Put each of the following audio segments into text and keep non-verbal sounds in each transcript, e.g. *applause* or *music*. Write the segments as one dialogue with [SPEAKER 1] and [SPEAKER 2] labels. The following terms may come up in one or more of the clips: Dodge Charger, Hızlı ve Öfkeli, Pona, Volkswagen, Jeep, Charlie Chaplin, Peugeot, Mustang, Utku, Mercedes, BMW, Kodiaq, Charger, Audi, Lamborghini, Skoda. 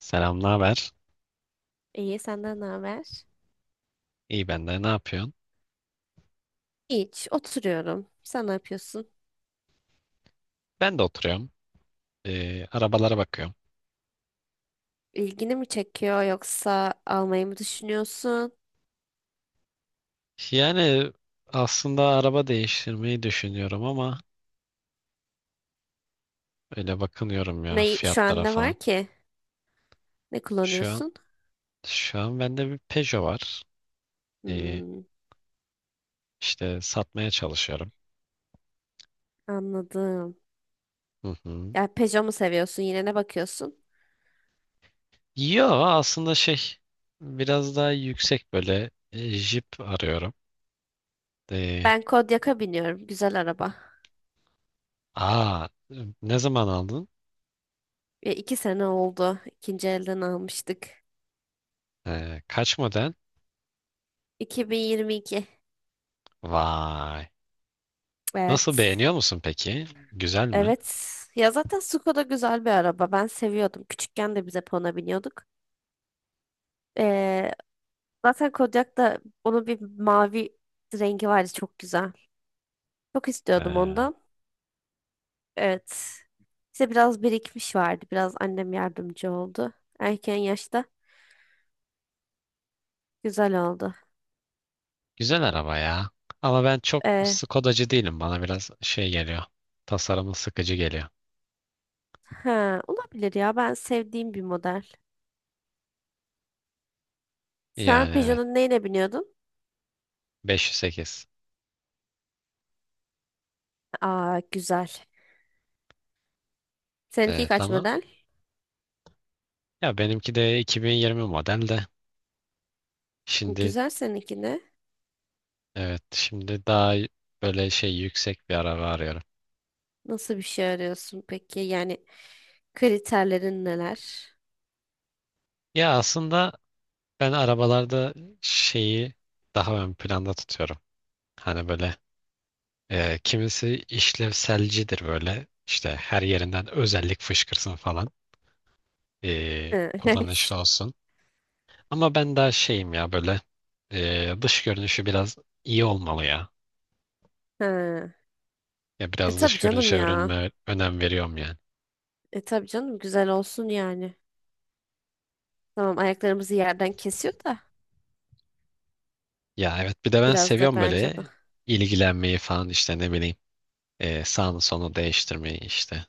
[SPEAKER 1] Selam, ne haber?
[SPEAKER 2] İyi, senden ne haber?
[SPEAKER 1] İyi ben de. Ne yapıyorsun?
[SPEAKER 2] Hiç, oturuyorum. Sen ne yapıyorsun?
[SPEAKER 1] Ben de oturuyorum. Arabalara bakıyorum.
[SPEAKER 2] İlgini mi çekiyor yoksa almayı mı düşünüyorsun?
[SPEAKER 1] Yani aslında araba değiştirmeyi düşünüyorum ama öyle bakınıyorum ya
[SPEAKER 2] Ne, şu an
[SPEAKER 1] fiyatlara
[SPEAKER 2] ne
[SPEAKER 1] falan.
[SPEAKER 2] var ki? Ne
[SPEAKER 1] Şu an
[SPEAKER 2] kullanıyorsun?
[SPEAKER 1] şu an bende bir Peugeot var. Ee,
[SPEAKER 2] Hmm,
[SPEAKER 1] işte satmaya çalışıyorum.
[SPEAKER 2] anladım.
[SPEAKER 1] Hı hı.
[SPEAKER 2] Ya Peugeot mu seviyorsun? Yine ne bakıyorsun?
[SPEAKER 1] Yo, aslında şey, biraz daha yüksek böyle Jeep arıyorum. Ee,
[SPEAKER 2] Ben Kodiaq'a biniyorum. Güzel araba.
[SPEAKER 1] aa Ne zaman aldın?
[SPEAKER 2] Ya, iki sene oldu. İkinci elden almıştık.
[SPEAKER 1] Kaç model?
[SPEAKER 2] 2022.
[SPEAKER 1] Vay. Nasıl,
[SPEAKER 2] Evet.
[SPEAKER 1] beğeniyor musun peki? Güzel mi?
[SPEAKER 2] Evet. Ya zaten Skoda güzel bir araba. Ben seviyordum. Küçükken de bize Pona biniyorduk. Ee, Zaten Kodiak'ta onun bir mavi rengi vardı, çok güzel. Çok istiyordum
[SPEAKER 1] Ee,
[SPEAKER 2] ondan. Evet. İşte biraz birikmiş vardı. Biraz annem yardımcı oldu. Erken yaşta güzel oldu.
[SPEAKER 1] Güzel araba ya. Ama ben çok
[SPEAKER 2] Ee,
[SPEAKER 1] Skodacı değilim. Bana biraz şey geliyor. Tasarımı sıkıcı geliyor.
[SPEAKER 2] ha, olabilir ya. Ben sevdiğim bir model. Şu an
[SPEAKER 1] Yani evet.
[SPEAKER 2] Peugeot'un neyine biniyordun?
[SPEAKER 1] 508.
[SPEAKER 2] Aa, güzel. Seninki
[SPEAKER 1] Evet
[SPEAKER 2] kaç
[SPEAKER 1] ama
[SPEAKER 2] model?
[SPEAKER 1] ya benimki de 2020 model de. Şimdi,
[SPEAKER 2] Güzel, seninki ne?
[SPEAKER 1] evet, şimdi daha böyle şey yüksek bir araba arıyorum.
[SPEAKER 2] Nasıl bir şey arıyorsun peki? Yani kriterlerin neler?
[SPEAKER 1] Ya aslında ben arabalarda şeyi daha ön planda tutuyorum. Hani böyle, kimisi işlevselcidir böyle. İşte her yerinden özellik fışkırsın falan.
[SPEAKER 2] Ha, *laughs* evet.
[SPEAKER 1] Kullanışlı olsun. Ama ben daha şeyim ya, böyle dış görünüşü biraz iyi olmalı ya.
[SPEAKER 2] Ha.
[SPEAKER 1] Ya
[SPEAKER 2] E
[SPEAKER 1] biraz
[SPEAKER 2] tabii
[SPEAKER 1] dış
[SPEAKER 2] canım
[SPEAKER 1] görünüşe
[SPEAKER 2] ya.
[SPEAKER 1] önem veriyorum yani.
[SPEAKER 2] E tabii canım, güzel olsun yani. Tamam, ayaklarımızı yerden kesiyor da
[SPEAKER 1] Ya evet, bir de ben
[SPEAKER 2] biraz da,
[SPEAKER 1] seviyorum
[SPEAKER 2] bence de.
[SPEAKER 1] böyle ilgilenmeyi falan, işte ne bileyim sağını solunu değiştirmeyi, işte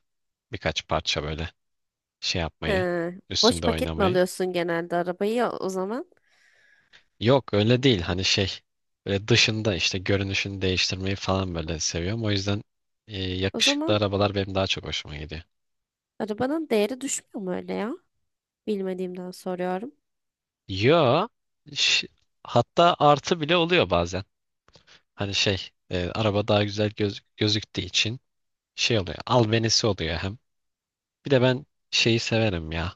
[SPEAKER 1] birkaç parça böyle şey
[SPEAKER 2] He.
[SPEAKER 1] yapmayı,
[SPEAKER 2] Boş
[SPEAKER 1] üstünde
[SPEAKER 2] paket mi
[SPEAKER 1] oynamayı.
[SPEAKER 2] alıyorsun genelde arabayı ya o zaman?
[SPEAKER 1] Yok, öyle değil, hani şey, böyle dışında işte görünüşünü değiştirmeyi falan böyle seviyorum. O yüzden
[SPEAKER 2] O
[SPEAKER 1] yakışıklı
[SPEAKER 2] zaman
[SPEAKER 1] arabalar benim daha çok hoşuma gidiyor.
[SPEAKER 2] arabanın değeri düşmüyor mu öyle ya? Bilmediğimden soruyorum.
[SPEAKER 1] Yo, ş- hatta artı bile oluyor bazen. Hani şey, araba daha güzel gözüktüğü için şey oluyor, albenisi oluyor hem. Bir de ben şeyi severim ya.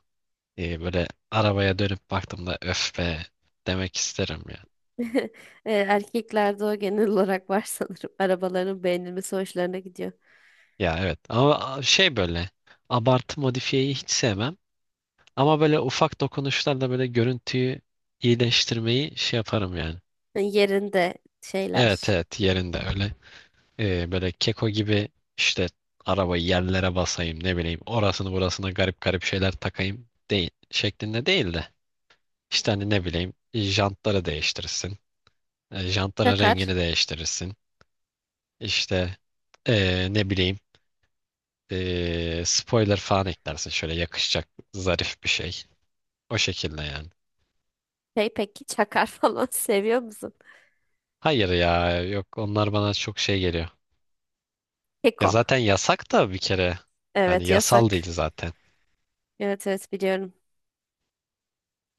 [SPEAKER 1] Böyle arabaya dönüp baktığımda öf be demek isterim ya.
[SPEAKER 2] *laughs* E, erkeklerde o genel olarak var sanırım. Arabaların beğenilmesi hoşlarına gidiyor.
[SPEAKER 1] Ya evet, ama şey, böyle abartı modifiyeyi hiç sevmem. Ama böyle ufak dokunuşlarla böyle görüntüyü iyileştirmeyi şey yaparım yani.
[SPEAKER 2] Yani yerinde
[SPEAKER 1] Evet,
[SPEAKER 2] şeyler.
[SPEAKER 1] evet, yerinde öyle. Böyle keko gibi, işte arabayı yerlere basayım, ne bileyim orasını burasına garip garip şeyler takayım değil şeklinde değil de, işte hani ne bileyim jantları değiştirirsin. Jantların
[SPEAKER 2] Çakar.
[SPEAKER 1] rengini değiştirirsin. İşte, ne bileyim, spoiler falan eklersin şöyle, yakışacak zarif bir şey. O şekilde yani.
[SPEAKER 2] Şey, peki çakar *laughs* falan seviyor musun?
[SPEAKER 1] Hayır ya, yok, onlar bana çok şey geliyor. Ya
[SPEAKER 2] Keko.
[SPEAKER 1] zaten yasak da bir kere. Hani
[SPEAKER 2] Evet,
[SPEAKER 1] yasal değil
[SPEAKER 2] yasak.
[SPEAKER 1] zaten.
[SPEAKER 2] Evet, evet, biliyorum.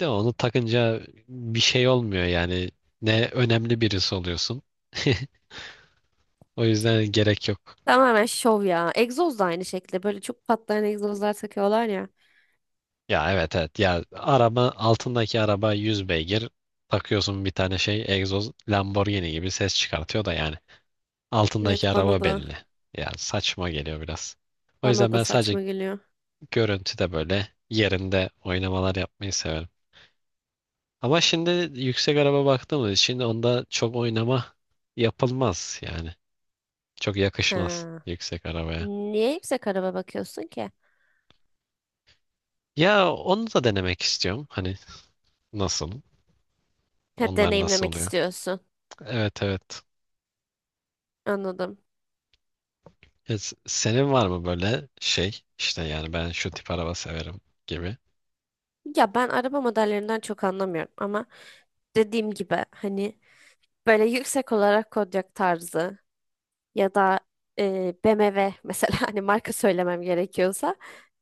[SPEAKER 1] De onu takınca bir şey olmuyor yani. Ne önemli birisi oluyorsun. *laughs* O yüzden gerek yok.
[SPEAKER 2] Tamamen şov ya. Egzoz da aynı şekilde. Böyle çok patlayan egzozlar takıyorlar ya.
[SPEAKER 1] Ya evet, evet. Ya araba, altındaki araba 100 beygir. Takıyorsun bir tane şey egzoz, Lamborghini gibi ses çıkartıyor da yani. Altındaki
[SPEAKER 2] Evet, bana
[SPEAKER 1] araba
[SPEAKER 2] da
[SPEAKER 1] belli. Ya saçma geliyor biraz. O
[SPEAKER 2] bana
[SPEAKER 1] yüzden
[SPEAKER 2] da
[SPEAKER 1] ben sadece
[SPEAKER 2] saçma geliyor.
[SPEAKER 1] görüntüde böyle yerinde oynamalar yapmayı severim. Ama şimdi yüksek araba baktığımız için onda çok oynama yapılmaz yani. Çok yakışmaz
[SPEAKER 2] Ha.
[SPEAKER 1] yüksek arabaya.
[SPEAKER 2] Niye yüksek araba bakıyorsun ki?
[SPEAKER 1] Ya onu da denemek istiyorum. Hani nasıl?
[SPEAKER 2] Ha,
[SPEAKER 1] Onlar nasıl
[SPEAKER 2] deneyimlemek
[SPEAKER 1] oluyor?
[SPEAKER 2] istiyorsun.
[SPEAKER 1] Evet, evet.
[SPEAKER 2] Anladım.
[SPEAKER 1] Ya, senin var mı böyle şey? İşte yani ben şu tip araba severim gibi.
[SPEAKER 2] Ya ben araba modellerinden çok anlamıyorum ama dediğim gibi hani böyle yüksek olarak Kodiaq tarzı ya da BMW mesela, *laughs* hani marka söylemem gerekiyorsa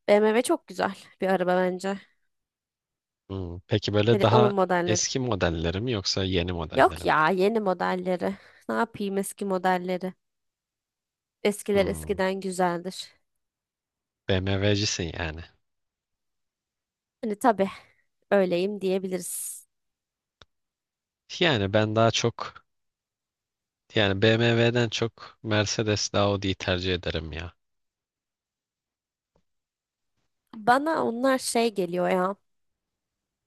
[SPEAKER 2] BMW çok güzel bir araba bence.
[SPEAKER 1] Hmm, peki böyle
[SPEAKER 2] Hani
[SPEAKER 1] daha
[SPEAKER 2] onun modelleri.
[SPEAKER 1] eski modelleri mi yoksa yeni modelleri
[SPEAKER 2] Yok
[SPEAKER 1] mi?
[SPEAKER 2] ya, yeni modelleri. Ne yapayım eski modelleri? Eskiler
[SPEAKER 1] Hmm.
[SPEAKER 2] eskiden güzeldir.
[SPEAKER 1] BMW'cisin yani.
[SPEAKER 2] Hani tabii, öyleyim diyebiliriz.
[SPEAKER 1] Yani ben daha çok, yani BMW'den çok Mercedes, Audi'yi tercih ederim ya.
[SPEAKER 2] Bana onlar şey geliyor ya.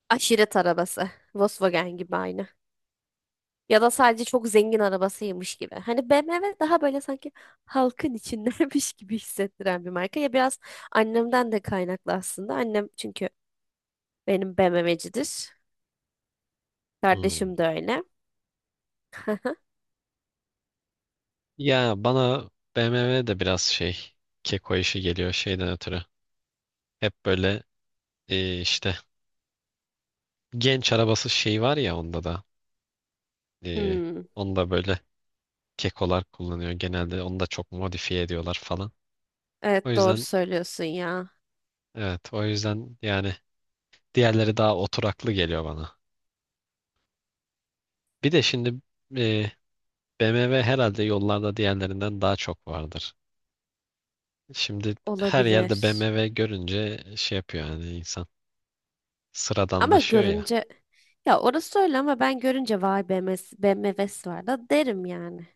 [SPEAKER 2] Aşiret arabası. Volkswagen gibi aynı. Ya da sadece çok zengin arabasıymış gibi. Hani BMW daha böyle sanki halkın içindeymiş *laughs* gibi hissettiren bir marka. Ya biraz annemden de kaynaklı aslında. Annem çünkü benim BMW'cidir.
[SPEAKER 1] Hmm.
[SPEAKER 2] Kardeşim de öyle. *laughs*
[SPEAKER 1] Ya bana BMW de biraz şey, keko işi geliyor şeyden ötürü. Hep böyle işte genç arabası şey var ya, onda da e,
[SPEAKER 2] Hmm,
[SPEAKER 1] onda böyle kekolar kullanıyor genelde, onu da çok modifiye ediyorlar falan. O
[SPEAKER 2] evet, doğru
[SPEAKER 1] yüzden
[SPEAKER 2] söylüyorsun ya.
[SPEAKER 1] evet, o yüzden yani diğerleri daha oturaklı geliyor bana. Bir de şimdi e, BMW herhalde yollarda diğerlerinden daha çok vardır. Şimdi her yerde
[SPEAKER 2] Olabilir.
[SPEAKER 1] BMW görünce şey yapıyor yani insan,
[SPEAKER 2] Ama
[SPEAKER 1] sıradanlaşıyor ya.
[SPEAKER 2] görünce, ya orası öyle ama ben görünce vay BMW'si var da derim yani.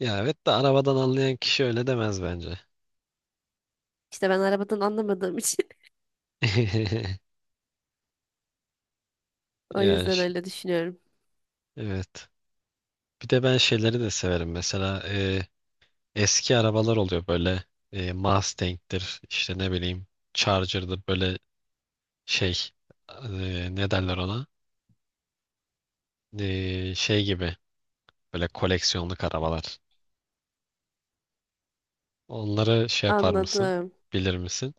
[SPEAKER 1] Ya evet de arabadan anlayan kişi öyle demez bence.
[SPEAKER 2] İşte ben arabadan anlamadığım için
[SPEAKER 1] *laughs*
[SPEAKER 2] *laughs* o
[SPEAKER 1] Ya,
[SPEAKER 2] yüzden öyle düşünüyorum.
[SPEAKER 1] evet. Bir de ben şeyleri de severim. Mesela eski arabalar oluyor böyle, Mustang'dir, işte ne bileyim Charger'dır böyle şey, ne derler ona? Şey gibi, böyle koleksiyonluk arabalar. Onları şey yapar mısın?
[SPEAKER 2] Anladım.
[SPEAKER 1] Bilir misin?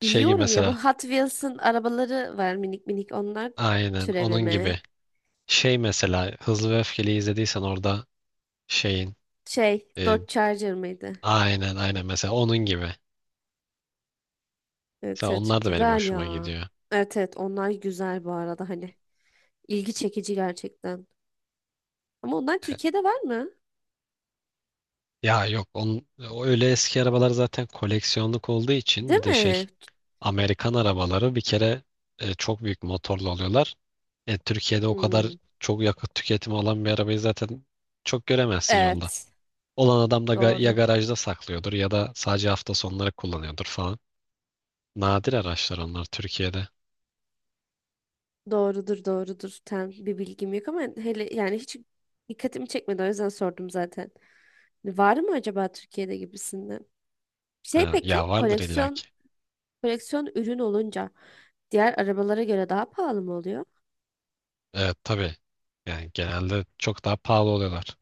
[SPEAKER 1] Şey gibi
[SPEAKER 2] Biliyorum ya, bu
[SPEAKER 1] mesela,
[SPEAKER 2] Hot Wheels'ın arabaları var, minik minik onlar,
[SPEAKER 1] aynen
[SPEAKER 2] türevi
[SPEAKER 1] onun
[SPEAKER 2] mi?
[SPEAKER 1] gibi. Şey mesela, Hızlı ve Öfkeli izlediysen orada, şeyin,
[SPEAKER 2] Şey,
[SPEAKER 1] e,
[SPEAKER 2] Dodge Charger mıydı?
[SPEAKER 1] aynen, aynen mesela onun gibi.
[SPEAKER 2] Evet,
[SPEAKER 1] Mesela
[SPEAKER 2] evet,
[SPEAKER 1] onlar da benim
[SPEAKER 2] güzel
[SPEAKER 1] hoşuma
[SPEAKER 2] ya.
[SPEAKER 1] gidiyor.
[SPEAKER 2] Evet, evet, onlar güzel bu arada, hani ilgi çekici gerçekten. Ama onlar
[SPEAKER 1] E,
[SPEAKER 2] Türkiye'de var mı?
[SPEAKER 1] Ya yok, o öyle eski arabalar zaten, koleksiyonluk olduğu için
[SPEAKER 2] Değil
[SPEAKER 1] bir de şey,
[SPEAKER 2] mi?
[SPEAKER 1] Amerikan arabaları bir kere çok büyük motorlu oluyorlar. Türkiye'de o kadar
[SPEAKER 2] Hmm,
[SPEAKER 1] çok yakıt tüketimi olan bir arabayı zaten çok göremezsin yolda.
[SPEAKER 2] evet
[SPEAKER 1] Olan adam da ya
[SPEAKER 2] doğru.
[SPEAKER 1] garajda saklıyordur ya da sadece hafta sonları kullanıyordur falan. Nadir araçlar onlar Türkiye'de.
[SPEAKER 2] Doğrudur, doğrudur. Tam bir bilgim yok ama hele yani hiç dikkatimi çekmedi, o yüzden sordum zaten. Var mı acaba Türkiye'de gibisinden? Şey,
[SPEAKER 1] Ha,
[SPEAKER 2] peki
[SPEAKER 1] ya vardır
[SPEAKER 2] koleksiyon
[SPEAKER 1] illaki.
[SPEAKER 2] koleksiyon ürün olunca diğer arabalara göre daha pahalı mı oluyor?
[SPEAKER 1] Evet, tabii. Yani genelde çok daha pahalı oluyorlar.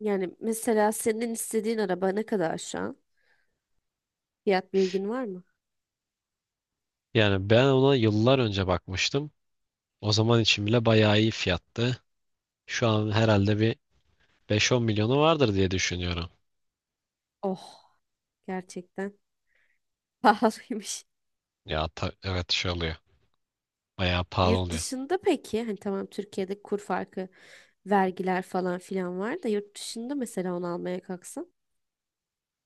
[SPEAKER 2] Yani mesela senin istediğin araba ne kadar şu an? Fiyat bilgin var mı?
[SPEAKER 1] Yani ben ona yıllar önce bakmıştım. O zaman için bile bayağı iyi fiyattı. Şu an herhalde bir beş on milyonu vardır diye düşünüyorum.
[SPEAKER 2] Oh, gerçekten *laughs* pahalıymış.
[SPEAKER 1] Ya, evet, şey oluyor. Bayağı pahalı
[SPEAKER 2] Yurt
[SPEAKER 1] oluyor.
[SPEAKER 2] dışında peki, hani tamam Türkiye'de kur farkı, vergiler falan filan var da yurt dışında mesela onu almaya kalksan?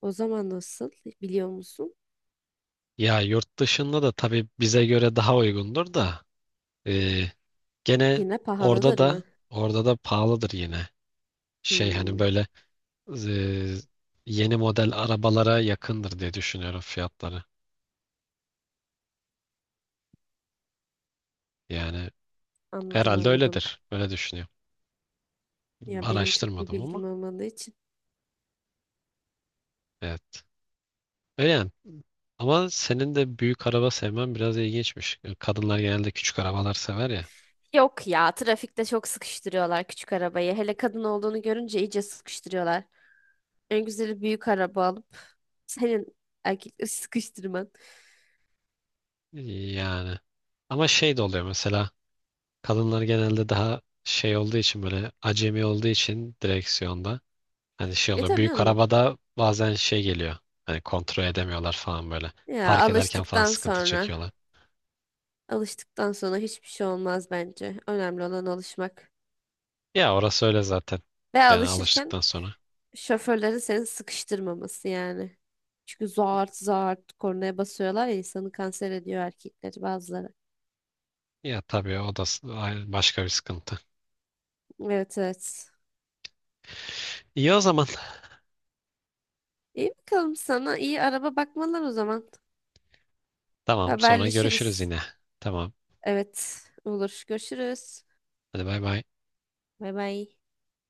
[SPEAKER 2] O zaman nasıl, biliyor musun?
[SPEAKER 1] Ya yurt dışında da tabii bize göre daha uygundur da, e, gene
[SPEAKER 2] Yine
[SPEAKER 1] orada
[SPEAKER 2] pahalıdır mı?
[SPEAKER 1] da orada da pahalıdır yine. Şey, hani
[SPEAKER 2] Hmm,
[SPEAKER 1] böyle, e, yeni model arabalara yakındır diye düşünüyorum fiyatları. Yani
[SPEAKER 2] anladım
[SPEAKER 1] herhalde
[SPEAKER 2] anladım.
[SPEAKER 1] öyledir. Öyle düşünüyorum.
[SPEAKER 2] Ya benim çok bir
[SPEAKER 1] Araştırmadım ama
[SPEAKER 2] bilgim olmadığı için.
[SPEAKER 1] evet. Öyle yani. Ama senin de büyük araba sevmen biraz ilginçmiş. Kadınlar genelde küçük arabalar sever ya.
[SPEAKER 2] Yok ya, trafikte çok sıkıştırıyorlar küçük arabayı. Hele kadın olduğunu görünce iyice sıkıştırıyorlar. En güzeli büyük araba alıp senin erkekleri *laughs* sıkıştırman.
[SPEAKER 1] Yani. Ama şey de oluyor mesela. Kadınlar genelde daha şey olduğu için, böyle acemi olduğu için direksiyonda. Hani şey
[SPEAKER 2] E
[SPEAKER 1] oluyor.
[SPEAKER 2] tabii
[SPEAKER 1] Büyük
[SPEAKER 2] canım.
[SPEAKER 1] arabada bazen şey geliyor. Hani kontrol edemiyorlar falan böyle.
[SPEAKER 2] Ya
[SPEAKER 1] Park ederken falan
[SPEAKER 2] alıştıktan
[SPEAKER 1] sıkıntı
[SPEAKER 2] sonra
[SPEAKER 1] çekiyorlar.
[SPEAKER 2] alıştıktan sonra hiçbir şey olmaz bence. Önemli olan alışmak.
[SPEAKER 1] Ya orası öyle zaten.
[SPEAKER 2] Ve
[SPEAKER 1] Yani
[SPEAKER 2] alışırken
[SPEAKER 1] alıştıktan sonra.
[SPEAKER 2] şoförlerin seni sıkıştırmaması yani. Çünkü zart zart kornaya basıyorlar ya, insanı kanser ediyor erkekleri bazıları.
[SPEAKER 1] Ya tabii, o da başka bir sıkıntı.
[SPEAKER 2] Evet, evet.
[SPEAKER 1] İyi o zaman.
[SPEAKER 2] İyi, bakalım, sana iyi araba bakmalar o zaman.
[SPEAKER 1] *laughs* Tamam, sonra görüşürüz
[SPEAKER 2] Haberleşiriz.
[SPEAKER 1] yine. Tamam.
[SPEAKER 2] Evet, olur. Görüşürüz.
[SPEAKER 1] Hadi, bay bay.
[SPEAKER 2] Bay bay.